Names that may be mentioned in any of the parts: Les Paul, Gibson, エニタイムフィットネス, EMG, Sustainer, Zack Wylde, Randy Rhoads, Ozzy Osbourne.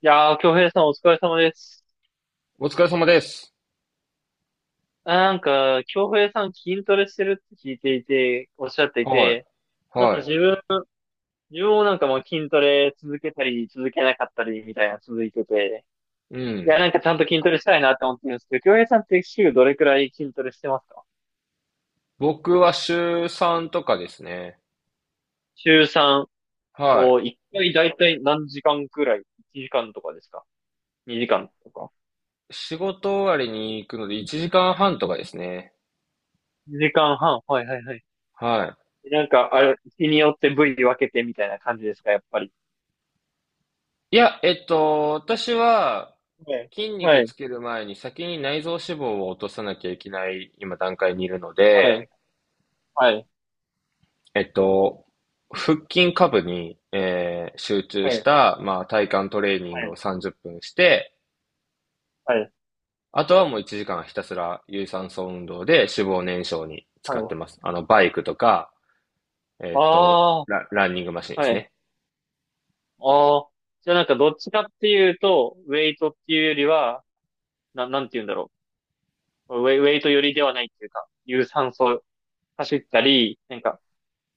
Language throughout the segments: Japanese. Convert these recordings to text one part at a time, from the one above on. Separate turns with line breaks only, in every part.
京平さんお疲れ様です。
お疲れ様です。
なんか、京平さん筋トレしてるって聞いていて、おっしゃってい
はい。
て、なんか
は
自分もなんかもう筋トレ続けたり、続けなかったりみたいな続いてて、
い。う
い
ん。
や、なんかちゃんと筋トレしたいなって思ってるんですけど、京平さんって週どれくらい筋トレしてますか？
僕は週3とかですね。
週3
はい。
を1回だいたい何時間くらい？ 1 時間とかですか？ 2 時間とか？
仕事終わりに行くので1時間半とかですね。
2 時間半。はいはいはい。
は
なんか、あれ、日によって部位分けてみたいな感じですか、やっぱり。
い。いや、私は
はい。
筋
は
肉
い。
つける前に先に内臓脂肪を落とさなきゃいけない今段階にいるの
は
で、
い。はい。
えっと、腹筋下部に、集中
は
し
い。
た、まあ、体幹トレーニン
は
グを
い。
30分して、
はい。
あとはもう1時間ひたすら有酸素運動で脂肪燃焼に
は
使って
い。
ます。あの、バイクとか、
ああ、
ランニングマシンです
はい。
ね。
ああ。じゃあなんかどっちかっていうと、ウェイトっていうよりは、なんて言うんだろう。ウェイト寄りではないっていうか、有酸素走ったり、なんか、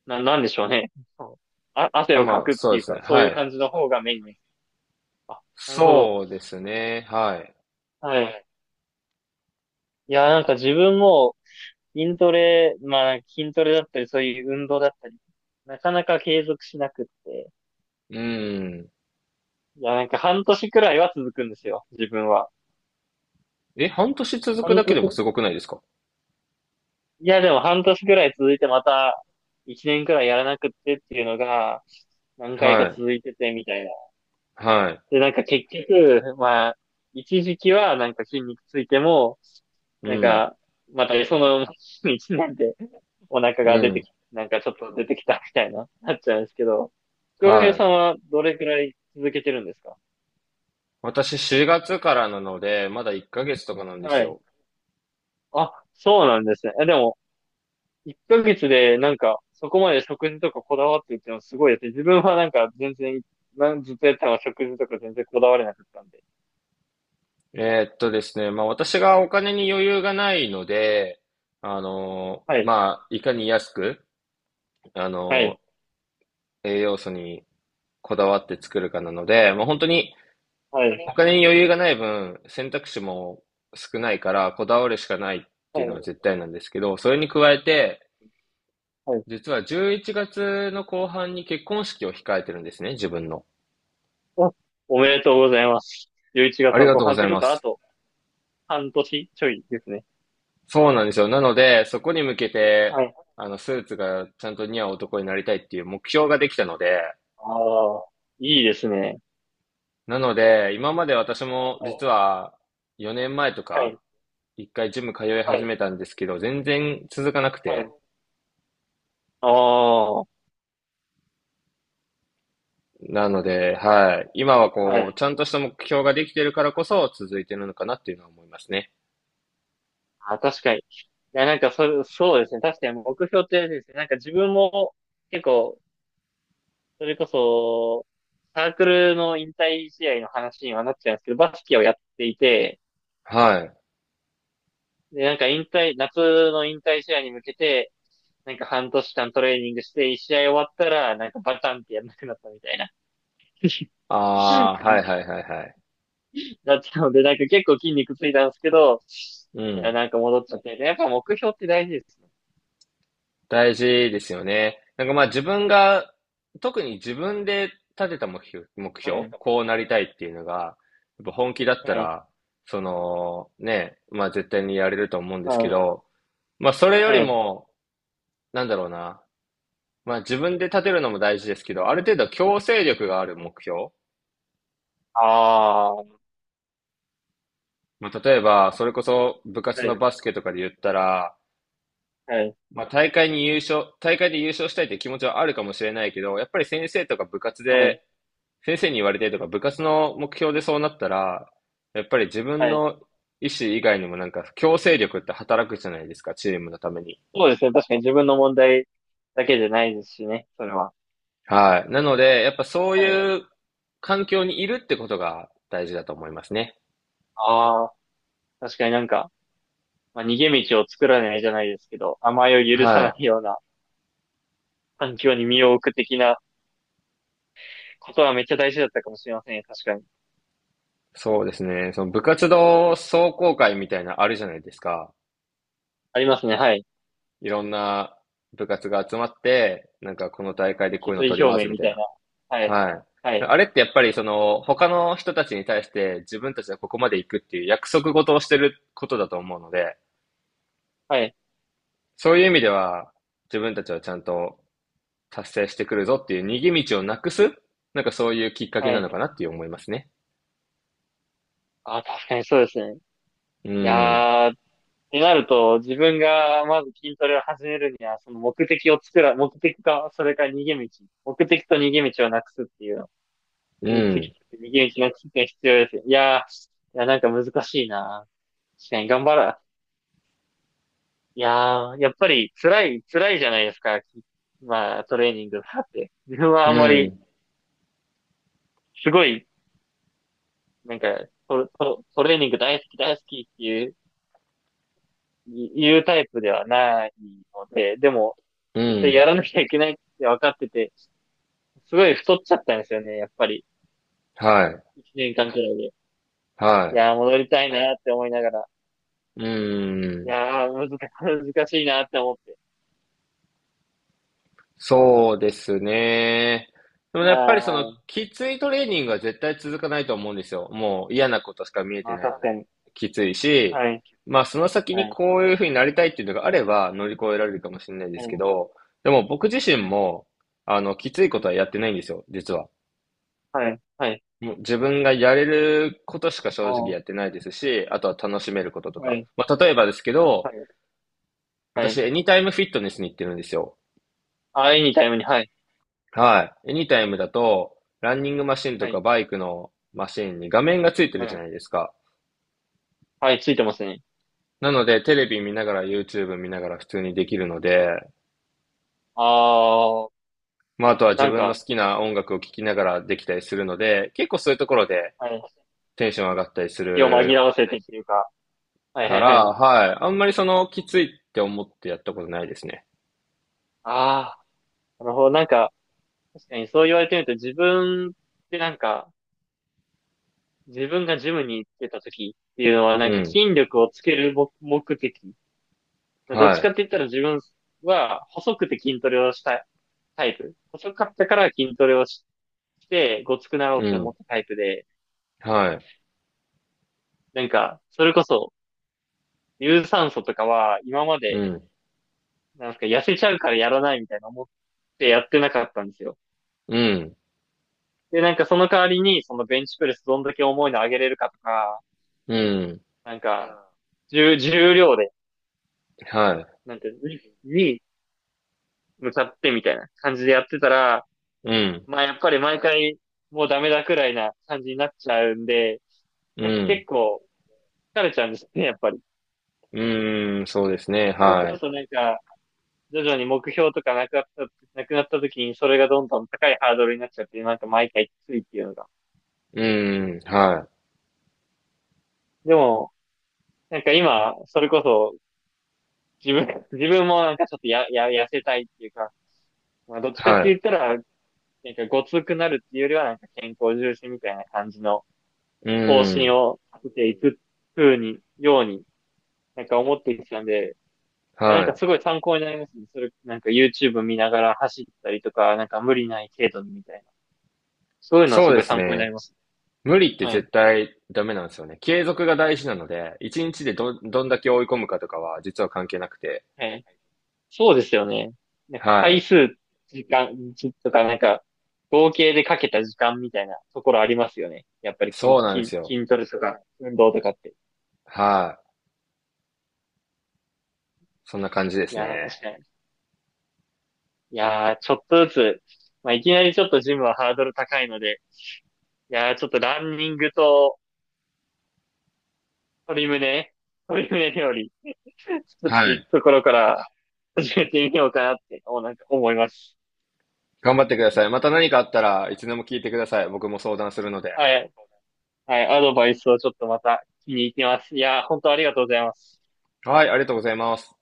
なんでしょうね。そうあ、汗をか
まあ、
くっ
そ
て
う
い
で
う
すね。
か、そう
は
いう
い。
感じの方がメインです。あ、なるほど。
そうですね。はい。
はい。いや、なんか自分も筋トレ、まあ筋トレだったり、そういう運動だったり、なかなか継続しなくって、
うん。
いや、なんか半年くらいは続くんですよ、自分は。
え、半年続く
半
だけでも
年、
すごくないですか？
いや、でも半年くらい続いて、また一年くらいやらなくってっていうのが何回か
はい。
続いててみたいな。
はい。
で、なんか結局、まあ、一時期はなんか筋肉ついても、
う
なん
ん。
か、またその 一年でお腹
う
が出て
ん。
き、なんかちょっと出てきたみたいな、なっちゃうんですけど、京平
は
さ
い。
んはどれくらい続けてるんですか？
私4月からなので、まだ1ヶ月とかなんです
はい。
よ。
あ、そうなんですね。え、でも、1ヶ月でなんか、そこまで食事とかこだわってるっていうのはすごいですね。自分はなんか全然、なんずっとやったのは食事とか全然こだわれなかったんで。
ですね、まあ私がお金に余裕がないので、
はい、
まあ、いかに安く、あ
は
の
い、
栄養素にこだわって作るかなので、もう本当に
は
お
い、
金に余裕がない分、選択肢も少ないから、こだわるしかないっ
は
ていうの
い、
は絶対なんですけど、それに加えて、
はい。
実は11月の後半に結婚式を控えてるんですね、自分の。
あ、おめでとうございます。11
あ
月
り
の
が
後
とうご
半っ
ざ
て
い
こ
ま
とはあ
す。
と半年ちょいですね。
そうなんですよ。なので、そこに向けて、
はい。
あの、スーツがちゃんと似合う男になりたいっていう目標ができたので、
ああ、いいですね。
なので、今まで私も
はい、
実は4年前と
は
か、
い、
一回ジム通い
は
始
い、
めたんですけど、全然続かなく
は
て。
い。ああ、は
なので、はい。今は
い。
こう、ちゃんとした目標ができてるからこそ続いてるのかなっていうのは思いますね。
あ、確かに。いや、なんかそうですね。確かに目標ってあれですね。なんか自分も結構それこそ、サークルの引退試合の話にはなっちゃうんですけど、バスケをやっていて、
はい。
で、なんか引退、夏の引退試合に向けて、なんか半年間トレーニングして、一試合終わったら、なんかバタンってやんなくなったみたいな
あ あ、
感
はい
じ
はいはいはい。
だったので、なんか結構筋肉ついたんですけど、
う
いや、
ん。
なんか戻っちゃって、やっぱ目標って大事ですね。
大事ですよね。なんかまあ自分が、特に自分で立てた目標、目
は
標、
い。
こうなりたいっていうのが、やっぱ本気だっ
は
た
い。
ら、その、ね、まあ絶対にやれると思うんです
は
け
い。
ど、まあそれより
はい。
も、なんだろうな、まあ自分で立てるのも大事ですけど、ある程度強制力がある目標。
ああー。
まあ例えば、それこそ部活
はい。
のバスケとかで言ったら、
はい。
まあ大会で優勝したいって気持ちはあるかもしれないけど、やっぱり先生とか部活
は
で、
い。
先生に言われてとか部活の目標でそうなったら、やっぱり自
は
分
い。
の意思以外にもなんか強制力って働くじゃないですか、チームのために。
そうですね。確かに自分の問題だけじゃないですしね、それは。
はい。なので、やっぱそう
はい。う
い
ん。
う環境にいるってことが大事だと思いますね。
ああ、確かになんか、まあ、逃げ道を作らないじゃないですけど、甘えを許さ
は
な
い。
いような環境に身を置く的なことはめっちゃ大事だったかもしれませんよ。確かに。
そうですね。その部活動壮行会みたいなあるじゃないですか。
ありますね。はい。
いろんな部活が集まって、なんかこの大会でこういう
決
の
意
取り
表
ます
明
み
み
たい
たい
な。
な。はい。
はい。
はい。
あれってやっぱりその他の人たちに対して自分たちはここまで行くっていう約束事をしてることだと思うので、
はい。
そういう意味では自分たちはちゃんと達成してくるぞっていう逃げ道をなくす、なんかそういうきっかけ
は
なの
い。
かなっていう思いますね。
ああ、確かにそうですね。
う
い
ん、
やー、ってなると、自分がまず筋トレを始めるには、その目的か、それから逃げ道。目的と逃げ道をなくすっていう
う
右利き
ん、
って右打ちの知識が必要ですよ。いやー、いや、なんか難しいな。確かに頑張ら、いやー、やっぱり辛い、辛いじゃないですか。まあ、トレーニングだって。自分は
う
あんまり、
ん、
すごい、なんか、トレーニング大好き大好きっていう、言うタイプではないので、でも、
う
絶対
ん。
やらなきゃいけないって分かってて、すごい太っちゃったんですよね、やっぱり。
はい、
一年間くらいで。い
は
やー、戻りたいなって思いながら。
い。う
い
ん。
やー、難しいなって思って。
そうですね。でもや
あ
っぱりその
あ、
きついトレーニングは絶対続かないと思うんですよ。もう嫌なことしか見えて
まあ
ないの
確か
で。
に。
きついし、
はい、
まあその先
は
に
い、
こういうふうになりたいっていうのがあれば乗り越えられるかもしれないで
は
すけ
い、
ど、でも僕自身
は
も、あの、きついこ
い、
とはやってないんですよ、実は。
はい、はい、
もう自分がやれることしか
あ
正直や
あ、
ってないですし、あとは楽しめることと
は
か。
い、
まあ例えばですけど、
はい、は
私
い。
エニタイムフィットネスに行ってるんですよ。
ああ、いにタイムに、はい、
はい。エニタイムだと、ランニングマシン
は
とか
い、
バイクのマシンに画面がついて
は
るじゃな
い、
いですか。
はい、ついてますね。
なので、テレビ見ながら YouTube 見ながら普通にできるので、
ああ、
まあ、あとは自
なん
分の
か、
好きな音楽を聴きながらできたりするので、結構そういうところで
はい、
テンション上がったりす
気を紛
る
らわせてっていうか、はいは
か
いは
ら、
い。
はい。あんまりその、きついって思ってやったことないですね。
ああ、なるほど、なんか、確かにそう言われてみると自分ってなんか、自分がジムに行ってた時っていうのは
う
なんか
ん。
筋力をつける目的、
は
どっちかって言ったら自分は細くて筋トレをしたいタイプ。細かったから筋トレをしてごつくなろ
い。
う
う
って思
ん。
ったタイプで、
はい。
なんか、それこそ、有酸素とかは今ま
う
で、
ん。
なんですか、痩せちゃうからやらないみたいな思ってやってなかったんですよ。
うん。
で、なんかその代わりに、そのベンチプレスどんだけ重いの上げれるかとか、
うん。
なんか、重量で、
は
なんていうの、に向かってみたいな感じでやってたら、
い。うん。
まあやっぱり毎回もうダメだくらいな感じになっちゃうんで、
う
なんか
ん。
結構疲れちゃうんですね、やっぱり。
うーん。そうですね。
そうす
は
る
い。
となんか、徐々に目標とかなくなった時にそれがどんどん高いハードルになっちゃって、なんか毎回きついっていうのが。
うーん、はい、
でも、なんか今、それこそ自分、自分もなんかちょっと痩せたいっていうか、まあどっちかっ
はい、
て
う
言ったら、なんかごつくなるっていうよりはなんか健康重視みたいな感じの方
ー
針
ん、
を立てていくように、なんか思ってきたんで、や、なん
は
か
い。
すごい参考になりますね。それ、なんか YouTube 見ながら走ったりとか、なんか無理ない程度にみたいな。そういうのは
そ
す
うで
ごい
す
参考になり
ね。
ますね。
無理って
はい。
絶対ダメなんですよね。継続が大事なので、一日でどんだけ追い込むかとかは実は関係なくて。
はい。そうですよね。なんか
は
回
い。
数、時間、じとか、なんか、合計でかけた時間みたいなところありますよね。やっぱり
そうなんですよ。
筋トレとか、運動とかって。
はい。そんな感じで
い
す
やー、
ね。
確かに。いやー、ちょっとずつ、まあ、いきなりちょっとジムはハードル高いので、いやー、ちょっとランニングと鶏胸、鶏胸料理作っ
は
てい
い。
くところから始めてみようかなって、なんか思います。
頑張ってください。また何かあったらいつでも聞いてください。僕も相談するので。
はい。はい。アドバイスをちょっとまた気に入ってます。いや、本当ありがとうございます。
はい、ありがとうございます。